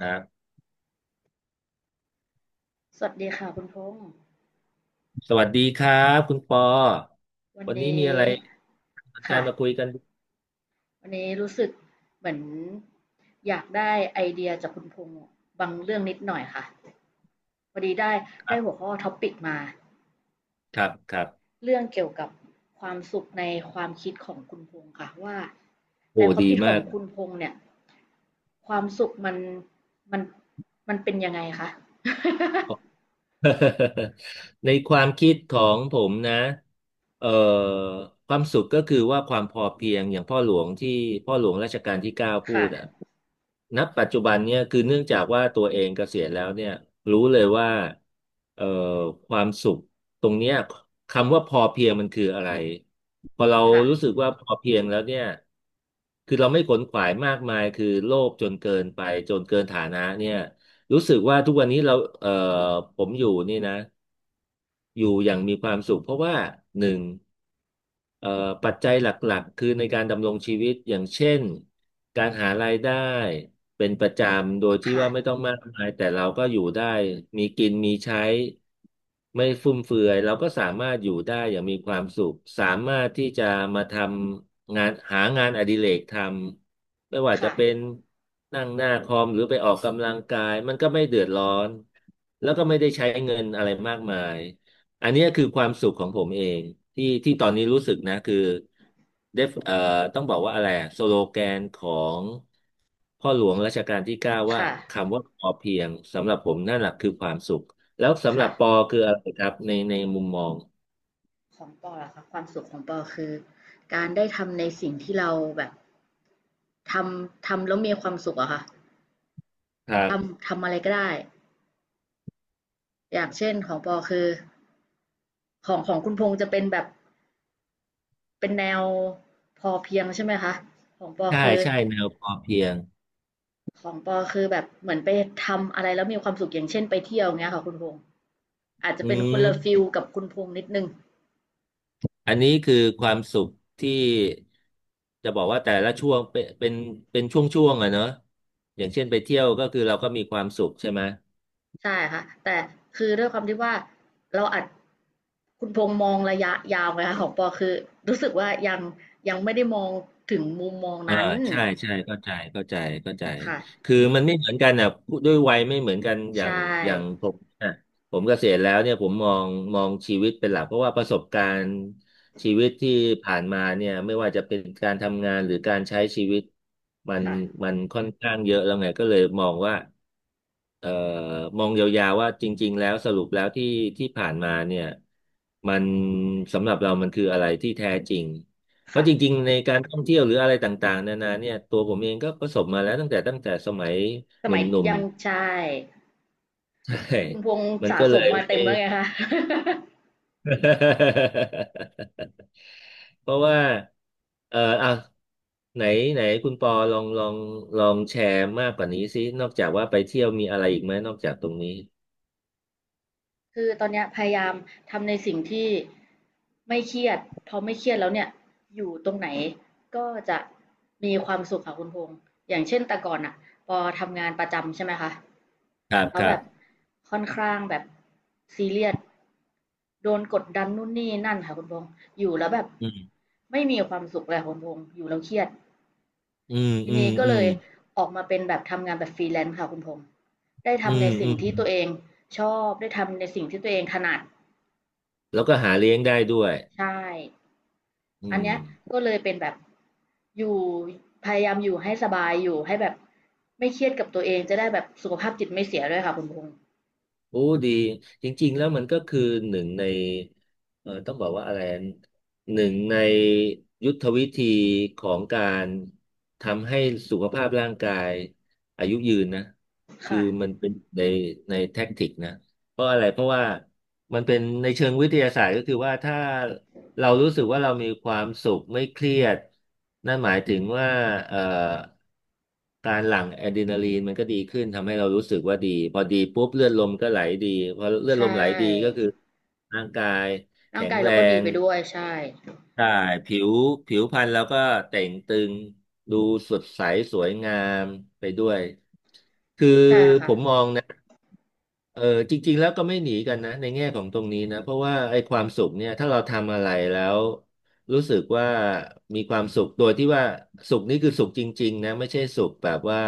นะสวัสดีค่ะคุณพงษ์สวัสดีครับคุณปอวันวันนี้มีนี้อะไรน่าสนใจค่ะมาคุยกันวันนี้รู้สึกเหมือนอยากได้ไอเดียจากคุณพงษ์บางเรื่องนิดหน่อยค่ะพอดีได้คได้รัหัวบข้อท็อปิกมาครับเรื่องเกี่ยวกับความสุขในความคิดของคุณพงษ์ค่ะว่าในโอ้ความดีคิดขอมางก คุณพงษ์เนี่ยความสุขมันมันเป็นยังไงคะ ในความคิดของผมนะเอ่อความสุขก็คือว่าความพอเพียงอย่างพ่อหลวงที่พ่อหลวงรัชกาลที่เก้า พูค่ะดอะณปัจจุบันเนี่ยคือเนื่องจากว่าตัวเองเกษียณแล้วเนี่ยรู้เลยว่าเอ่อความสุขตรงเนี้ยคำว่าพอเพียงมันคืออะไรพอเราค่ะรู้สึกว่าพอเพียงแล้วเนี่ยคือเราไม่ขนขวายมากมายคือโลภจนเกินไปจนเกินฐานะเนี่ย รู้สึกว่าทุกวันนี้เราเอ่อผมอยู่นี่นะ อยู่อย่างมีความสุขเพราะว่าหนึ่งเอ่อปัจจัยหลักๆคือในการดำรงชีวิตอย่างเช่นการหารายได้เป็นประจำโดยที่ค่ะว่าไม่ต้องมากมายแต่เราก็อยู่ได้มีกินมีใช้ไม่ฟุ่มเฟือยเราก็สามารถอยู่ได้อย่างมีความสุขสามารถที่จะมาทำงานหางานอดิเรกทำไม่ว่าจะค่ะเป็นนั่งหน้าคอมหรือไปออกกำลังกายมันก็ไม่เดือดร้อนแล้วก็ไม่ได้ใช้เงินอะไรมากมาย อันเนี้ยคือความสุขของผมเองที่ที่ตอนนี้รู้สึกนะคือเดฟต้องบอกว่าอะไรอะสโลแกนของพ่อหลวงรัชกาลที่เก้าว่าค่ะคำว่าพอเพียงสำหรับผมนั่นแหละคือความสุขแล้วสำหรัค่ะ บปอคืออะไรครับในในมุมมองของปอล่ะคะความสุขของปอคือการได้ทำในสิ่งที่เราแบบททำแล้วมีความสุขอะค่ะครัทบำทำอะไรก็ได้อย่างเช่นของปอคือของคุณพงษ์จะเป็นแบบเป็นแนวพอเพียงใช่ไหมคะของปอใช่คือใช่แนวพอเพียงของปอคือแบบเหมือนไปทำอะไรแล้วมีความสุขอย่างเช่นไปเที่ยวเงี้ยค่ะคุณพงษ์อาจจะอืเป็นคนละฟิมลกับคุณพงษ์นิดนึง อันนี้คือความสุขที่จะบอกว่าแต่ละช่วงเป็นเป็นช่วงๆอะเนอะอย่างเช่นไปเที่ยวก็คือเราก็มีความสุขใช่ไหม ใช่ค่ะแต่คือด้วยความที่ว่าเราอัดคุณพงษ์มองระยะยาวไงคะของปอคือรู้สึกว่ายังไม่ได้มองถึงมุมมองอ่านั้นใช่ใช่เข้าใจเข้าใจเข้าใจค่ะคือมันไม่เหมือนกันอ่ะพูดด้วยวัยไม่เหมือนกันอย่าใช่งอย่างผมอ่ะผมเกษียณแล้วเนี่ยผมมองมองชีวิตเป็นหลักเพราะว่าประสบการณ์ชีวิตที่ผ่านมาเนี่ยไม่ว่าจะเป็นการทำงานหรือการใช้ชีวิตมันค่ะมันค่อนข้างเยอะแล้วไงก็เลยมองว่าเอ่อมองยาวๆว่าจริงๆแล้วสรุปแล้วที่ที่ผ่านมาเนี่ยมันสำหรับเรามันคืออะไรที่แท้จริง เพค่ะราะจริงๆในการท่องเที่ยวหรืออะไรต่างๆนานาเนี่ยตัวผมเองก็ประสบมาแล้วตั้งแต่สมัยสหมัยนุ่มยังใช่ๆ ใช่ คุณพงษ์มันสะก็สเลมยมาไม่ เต็มแล้วไงคะ เพราะว่าเอออ่ะไหนไหนคุณปอลองลองแชร์มากกว่านี้สินอกจากว่าไปเที่ยวมีอะไรอีกไหมนอกจากตรงนี้คือตอนเนี้ยพยายามทำในสิ่งที่ไม่เครียดพอไม่เครียดแล้วเนี่ยอยู่ตรงไหนก็จะมีความสุขค่ะคุณพงษ์อย่างเช่นแต่ก่อนอ่ะพอทำงานประจำใช่ไหมคะครับแล้ควรัแบบบค่อนข้างแบบซีเรียสโดนกดดันนู่นนี่นั่นค่ะคุณพงษ์อยู่แล้วแบบอืมไม่มีความสุขเลยค่ะคุณพงษ์อยู่แล้วเครียดอืมทีอืมนี้ก็อืเลมยออกมาเป็นแบบทำงานแบบฟรีแลนซ์ค่ะคุณพงษ์ได้อืทำในมสิ่อืงมที่ตัวเองชอบได้ทำในสิ่งที่ตัวเองถนัด แล้วก็หาเลี้ยงได้ด้วยใช่ อือันเนี้ยม ก็เลยเป็นแบบอยู่พยายามอยู่ให้สบายอยู่ให้แบบไม่เครียดกับตัวเองจะได้แบบสุขภาพจิตไม่เสียด้วยค่ะคุณพงษ์โอ้ดีจริงๆแล้วมันก็คือหนึ่งในต้องบอกว่าอะไรหนึ่งในยุทธวิธีของการทำให้สุขภาพร่างกายอายุยืนนะคือค่ะมันเป็นในในแท็กติกนะเพราะอะไรเพราะว่ามันเป็นในเชิงวิทยาศาสตร์ก็คือว่าถ้า เรารู้สึกว่าเรามีความสุขไม่เครียดนั่นหมายถึงว่าเอ่อการหลั่งอะดรีนาลีนมันก็ดีขึ้นทำให้เรารู้สึกว่าดีพอดีปุ๊บเลือดลมก็ไหลดีพอเลือใชดลมไหลดีก็่คือร่างกายร่าแข็งงกายเราแรก็ดีง ไปด้วยใช่ ใช่ผิวผิวพรรณเราก็แต่งตึงดูสดใสสวยงามไปด้วยคือใช่ผค่ะมมองนะเออจริงๆแล้วก็ไม่หนีกันนะในแง่ของตรงนี้นะเพราะว่าไอ้ความสุขเนี่ยถ้าเราทำอะไรแล้วรู้สึกว่ามีความสุขโดยที่ว่าสุขนี้คือสุขจริงๆนะไม่ใช่สุขแบบว่า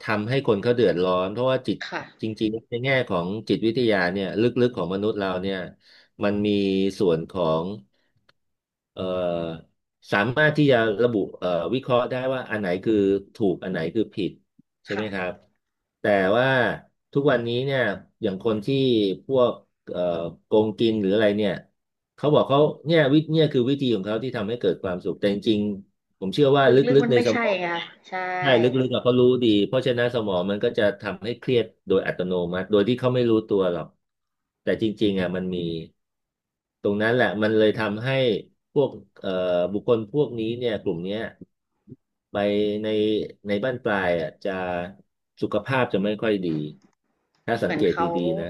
ทำให้คนเขาเดือดร้อนเพราะว่าจิตค่ะจริงๆในแง่ของจิตวิทยาเนี่ยลึกๆของมนุษย์เราเนี่ยมันมีส่วนของ เอ่อสามารถที่จะระบุวิเคราะห์ได้ว่าอันไหนคือถูกอันไหนคือผิดใช่ไหค่ะมครับแต่ว่าทุกวันนี้เนี่ยอย่างคนที่พวกเอ่อโกงกินหรืออะไรเนี่ยเขาบอกเขาเนี่ยวิเนี่ยคือวิธีของเขาที่ทำให้เกิดความสุขแต่จริงๆ ผมเชื่อว่าลลึกึๆกมันๆในไม่สมใช่องไงคะเนี่ยใช่ ใช่ลึกๆอะเขารู้ดีเพราะฉะนั้นสมองมันก็จะทำให้เครียดโดยอัตโนมัติโดยที่เขาไม่รู้ตัวหรอกแต่จริงๆอ่ะมันมีตรงนั้นแหละมันเลยทำให้พวกเอ่อบุคคลพวกนี้เนี่ยกลุ่มเนี้ยไปในในบ้านปลายอ่ะจะสุขภาพจะไม่ค่อยดีถ้าเหสัมืงอนเกตเขาดีๆนะ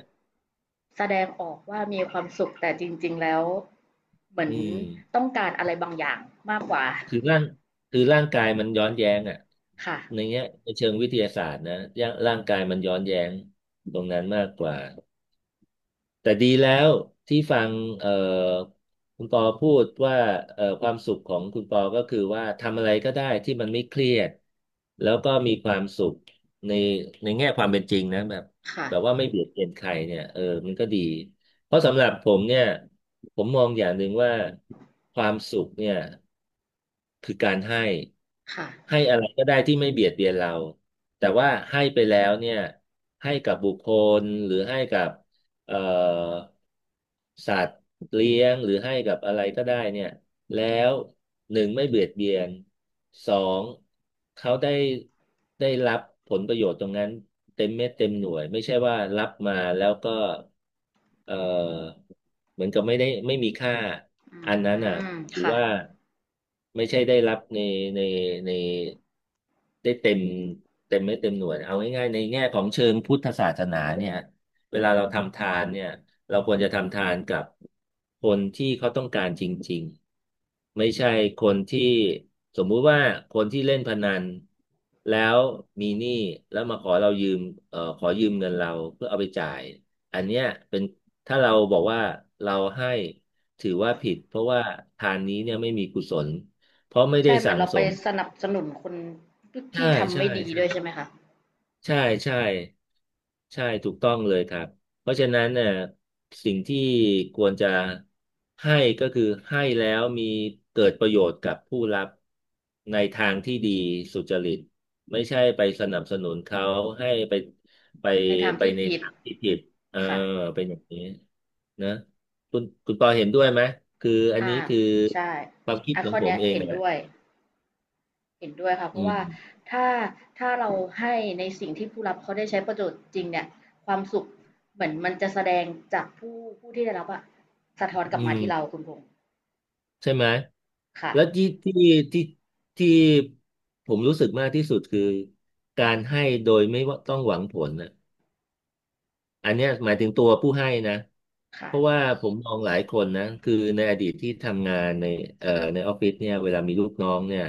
แสดงออกว่ามีความสุขแต่จริงๆแล้วเหมือนอืม ต้องการอะไรบางอย่างมากกว่าคือร่างคือร่างกายมันย้อนแย้งอ่ะค่ะในเงี้ยในเชิงวิทยาศาสตร์นะร่างกายมันย้อนแย้งตรงนั้นมากกว่า แต่ดีแล้วที่ฟังเอ่อคุณปอพูดว่าความสุขของคุณปอก็คือว่าทำอะไรก็ได้ที่มันไม่เครียดแล้วก็มีความสุขในในแง่ความเป็นจริงนะแบบค่ะแบบว่าไม่เบียดเบียนใครเนี่ยเออมันก็ดีเพราะสำหรับผมเนี่ยผมมองอย่างหนึ่งว่าความสุขเนี่ยคือการให้ค่ะให้อะไรก็ได้ที่ไม่เบียดเบียนเราแต่ว่าให้ไปแล้วเนี่ยให้กับบุคคลหรือให้กับ เอ่อสัตว์เลี้ยงหรือให้กับอะไรก็ได้เนี่ยแล้วหนึ่งไม่เบียดเบียนสองเขาได้ได้รับผลประโยชน์ตรงนั้นเต็มเม็ดเต็มหน่วยไม่ใช่ว่ารับมาแล้วก็เอ่อเหมือนกับไม่ได้ไม่มีค่าอือันนั้นอ่ะม ถือค่ะ ว่าไม่ใช่ได้รับในในในได้เต็มเต็มเม็ดเต็มหน่วยเอาง่ายๆในแง่ของเชิงพุทธศาสนาเนี่ย เวลาเราทำทานเนี่ยเราควรจะทำทานกับคนที่เขาต้องการจริงๆไม่ใช่คนที่สมมุติว่าคนที่เล่นพนันแล้วมีหนี้แล้วมาขอเรายืมขอยืมเงินเราเพื่อเอาไปจ่ายอันเนี้ยเป็นถ้าเราบอกว่าเราให้ถือว่าผิดเพราะว่าทานนี้เนี่ยไม่มีกุศลเพราะไม่ได้ใช่เหมือนสั่งเราสไปมสนับสนุนคนที่ใช่ทำใช่ไม่ดีใช่ ด้วยใช่ไหมคะใช่ใช่ใช่ถูกต้องเลยครับเพราะฉะนั้นเนี่ยสิ่งที่ควรจะให้ก็คือให้แล้วมีเกิดประโยชน์กับผู้รับในทางที่ดีสุจริตไม่ใช่ไปสนับสนุนเขาให้ไปไปในทางไปที่ในผิดทางที่ผิดเออค่ะเป็นอย่างนี้นะคุณคุณปอเห็นด้วยไหมคืออันอ่านี้คือใช่ความคิดอ่ะขอข้งอผมเนี้ยเองเห็นแหละด้วยเห็นด้วยค่ะเพอืราะว่ามถ้าถ้าเราให้ในสิ่งที่ผู้รับเขาได้ใช้ประโยชน์จริงเนี่ยความสุขเหมือนมันจะแสดงจากผู้ที่ได้รับอะสะท้อนกอืลับมาม ที่เราคุณพงษ์ใช่ไหม ค่ะแล้วที่ที่ที่ที่ผมรู้สึกมากที่สุดคือการให้โดยไม่ว่าต้องหวังผลนะ อันเนี้ยหมายถึงตัวผู้ให้นะเพราะค่ะว่าผมมมองหลายคนนะคือในอดีตที่ทำงานในในออฟฟิศเนี่ยเวลามีลูกน้องเนี่ย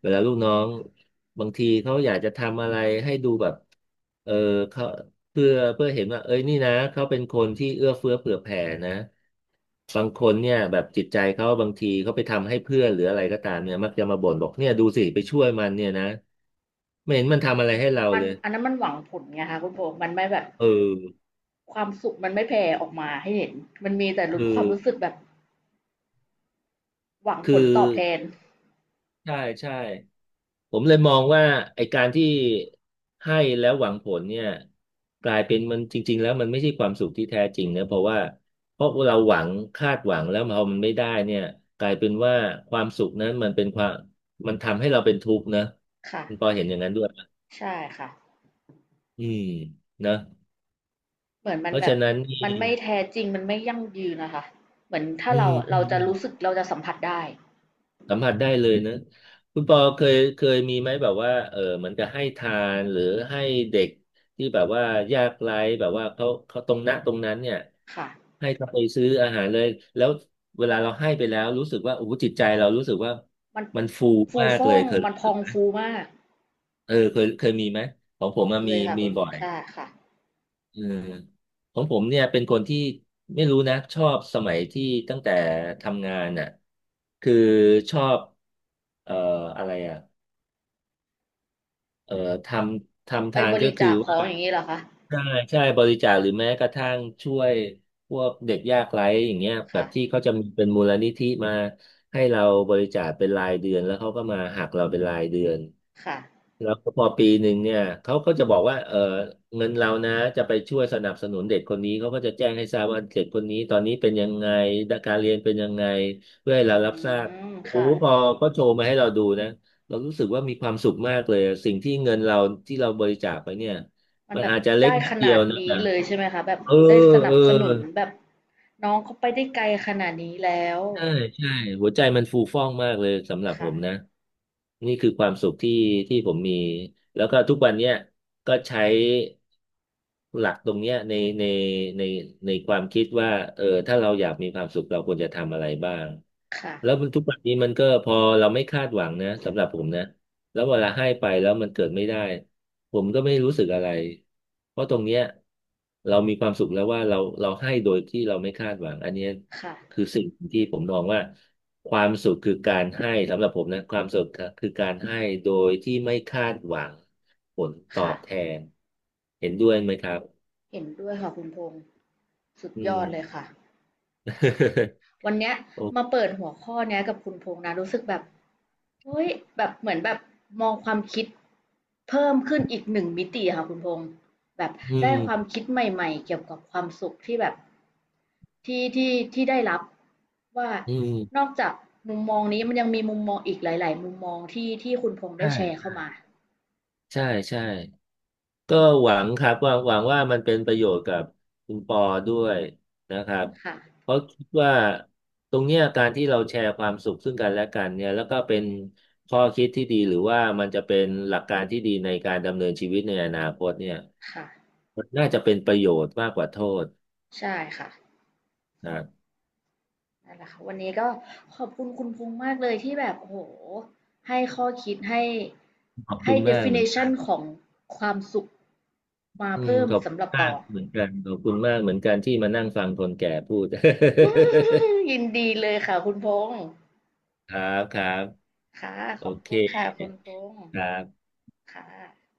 เวลาลูกน้องบางทีเขาอยากจะทำอะไรให้ดูแบบเออเขาเพื่อเห็นว่าเอ้ยนี่นะเขาเป็นคนที่เอื้อเฟื้อเผื่อแผ่นะบางคนเนี่ยแบบจิตใจเขาบางทีเขาไปทำให้เพื่อนหรืออะไรก็ตามเนี่ยมักจะมาบ่นบอกเนี่ยดูสิไปช่วยมันเนี่ยนะไม่เห็นมันทำอะไรให้เรามันเลยอันนั้นมันหวังผลไงคะคุณพงษ์มันไม่แบบเออความสุขมันไม่แผ่ออกมาให้เห็นมันมีแต่รู้คืคอวามรู้สึกแบบหวังผคืลอ ตอบแทนใช่ใช่ผมเลยมองว่าไอ้การที่ให้แล้วหวังผลเนี่ยกลายเป็นมันจริงๆแล้วมันไม่ใช่ความสุขที่แท้จริงนะเพราะว่าเพราะเราหวังคาดหวังแล้วพอมันไม่ได้เนี่ยกลายเป็นว่าความสุขนั้นมันเป็นความมันทำให้เราเป็นทุกข์นะค่ะ คุณปอเห็นอย่างนั้นด้วยปะใช่ค่ะอืมนะเหมือนมัเพนราะแบฉะบนั้นนี่มันไม่แท้จริงมันไม่ยั่งยืนนะคะเหมือนถ้าอืเราอะเราจะรู้สึม กเราจะสัมผัสได้สัมผัสได้เลยนะคุณปอเคยมีไหมแบบว่าเออเหมือนกับให้ทานหรือให้เด็กที่แบบว่ายากไร้แบบว่าเขาเขาตรงนั้นเนี่ยค่ะให้เขาไปซื้ออาหารเลยแล้วเวลาเราให้ไปแล้วรู้สึกว่าโอ้โหจิตใจเรารู้สึกว่ามันมันฟูฟูมากฟ่เลอยงเคมันพองยฟูมากเออเคยมีไหมของผมเคอะมียค่ะมีคุณบ่อยใช่ค่ะเออของผมเนี่ยเป็นคนที่ไม่รู้นะชอบสมัยที่ตั้งแต่ทำงานน่ะคือชอบเอ่ออะไรอ่ะ เอ่อททำไปทาบนก็ริคือจาคขอว่า งอย่างนี้เหรอคะใช่ใช่บริจาคหรือแม้กระทั่งช่วยพวกเด็กยากไร้อย่างเงี้ยแบค่ะบที่เขาจะมีเป็นมูลนิธิมาให้เราบริจาคเป็นรายเดือนแล้วเขาก็มาหักเราเป็นรายเดือนค่ะแล้วก็พอปีหนึ่งเนี่ยเขาก็จะบอกว่าเออเงินเรานะจะไปช่วยสนับสนุนเด็กคนนี้เขาก็จะแจ้งให้ทราบว่าเด็กคนนี้ตอนนี้เป็นยังไงการเรียนเป็นยังไงเพื่อให้อืเรารับทราบมโอ้ค่ะพอก็โชว์มาให้เราดูนะเรารู้สึกว่ามีความสุขมากเลยสิ่งที่เงินเราที่เราบริจาคไปเนี่ย มันมันแบบอาจจะเล็กได้นิขดเดีนายวดนะนี้แต่เลยใช่ไหมคะแบบเออได้สเอนัอ บสนุนแบบน้องเขาไปได้ไกลขนาดนี้แล้วใช่ใช่หัวใจมันฟูฟ่องมากเลยสำหรับผค่ะมนะนี่คือความสุขที่ที่ผมมีแล้วก็ทุกวันเนี้ยก็ใช้หลักตรงเนี้ยในในในในความคิดว่าเออถ้าเราอยากมีความสุขเราควรจะทำอะไรบ้างค่ะแล้วมันทุกวันนี้มันก็พอเราไม่คาดหวังนะสำหรับผมนะแล้วเวลาให้ไปแล้วมันเกิดไม่ได้ผมก็ไม่รู้สึกอะไรเพราะตรงเนี้ยเรามีความสุขแล้วว่าเราเราให้โดยที่เราไม่คาดหวังอันเนี้ย ค่ะคือสิ่งที่ผมมองว่าความสุขคือการให้สำหรับผมนะความสุขคือการให้โดยที่ไม่คาดหวังผลตอค่ะบแทนเห็นด้วยไหมครับเห็นด้วยค่ะคุณพงษ์สุดอืยอม ดเลยค่ะ วันเนี้ยโอ้มาเปิดหัวข้อเนี้ยกับคุณพงษ์นะรู้สึกแบบเฮ้ยแบบเหมือนแบบมองความคิดเพิ่มขึ้นอีกหนึ่งมิติค่ะคุณพงษ์แบบอืได้ความมคิดใหม่ๆเกี่ยวกับความสุขที่แบบที่ได้รับว่าอืมนอกจากมุมมองนี้มันยังมีมุมมองอีกหลายๆมุมมองที่คุณพงษ์ใชได้แชร์เข้า่มาใช่ใช่ ก็หวังครับหวังว่ามันเป็นประโยชน์กับคุณปอด้วยนะครับค่ะเพราะคิดว่าตรงเนี้ยการที่เราแชร์ความสุขซึ่งกันและกันเนี่ยแล้วก็เป็นข้อคิดที่ดีหรือว่ามันจะเป็นหลักการที่ดีในการดำเนินชีวิตในอนาคตเนี่ยค่ะมันน่าจะเป็นประโยชน์มากกว่าโทษใช่ค่ะ นะครับนั่นแหละค่ะวันนี้ก็ขอบคุณคุณพงษ์มากเลยที่แบบโอ้โหให้ข้อคิดให้ขอบคุให้ ณมากเหมือนกั definition นของความสุขมาอืมเพิ่มขอบคุสำหณรับปมาอ กเหมือนกันขอบคุณมากเหมือนกันที่มานั่งฟังคนแก่พูด ยินดีเลยค่ะคุณพงษ์ครับครับค่ะโอขอบเคคุณค่ะคุณพงษ์ครับค่ะ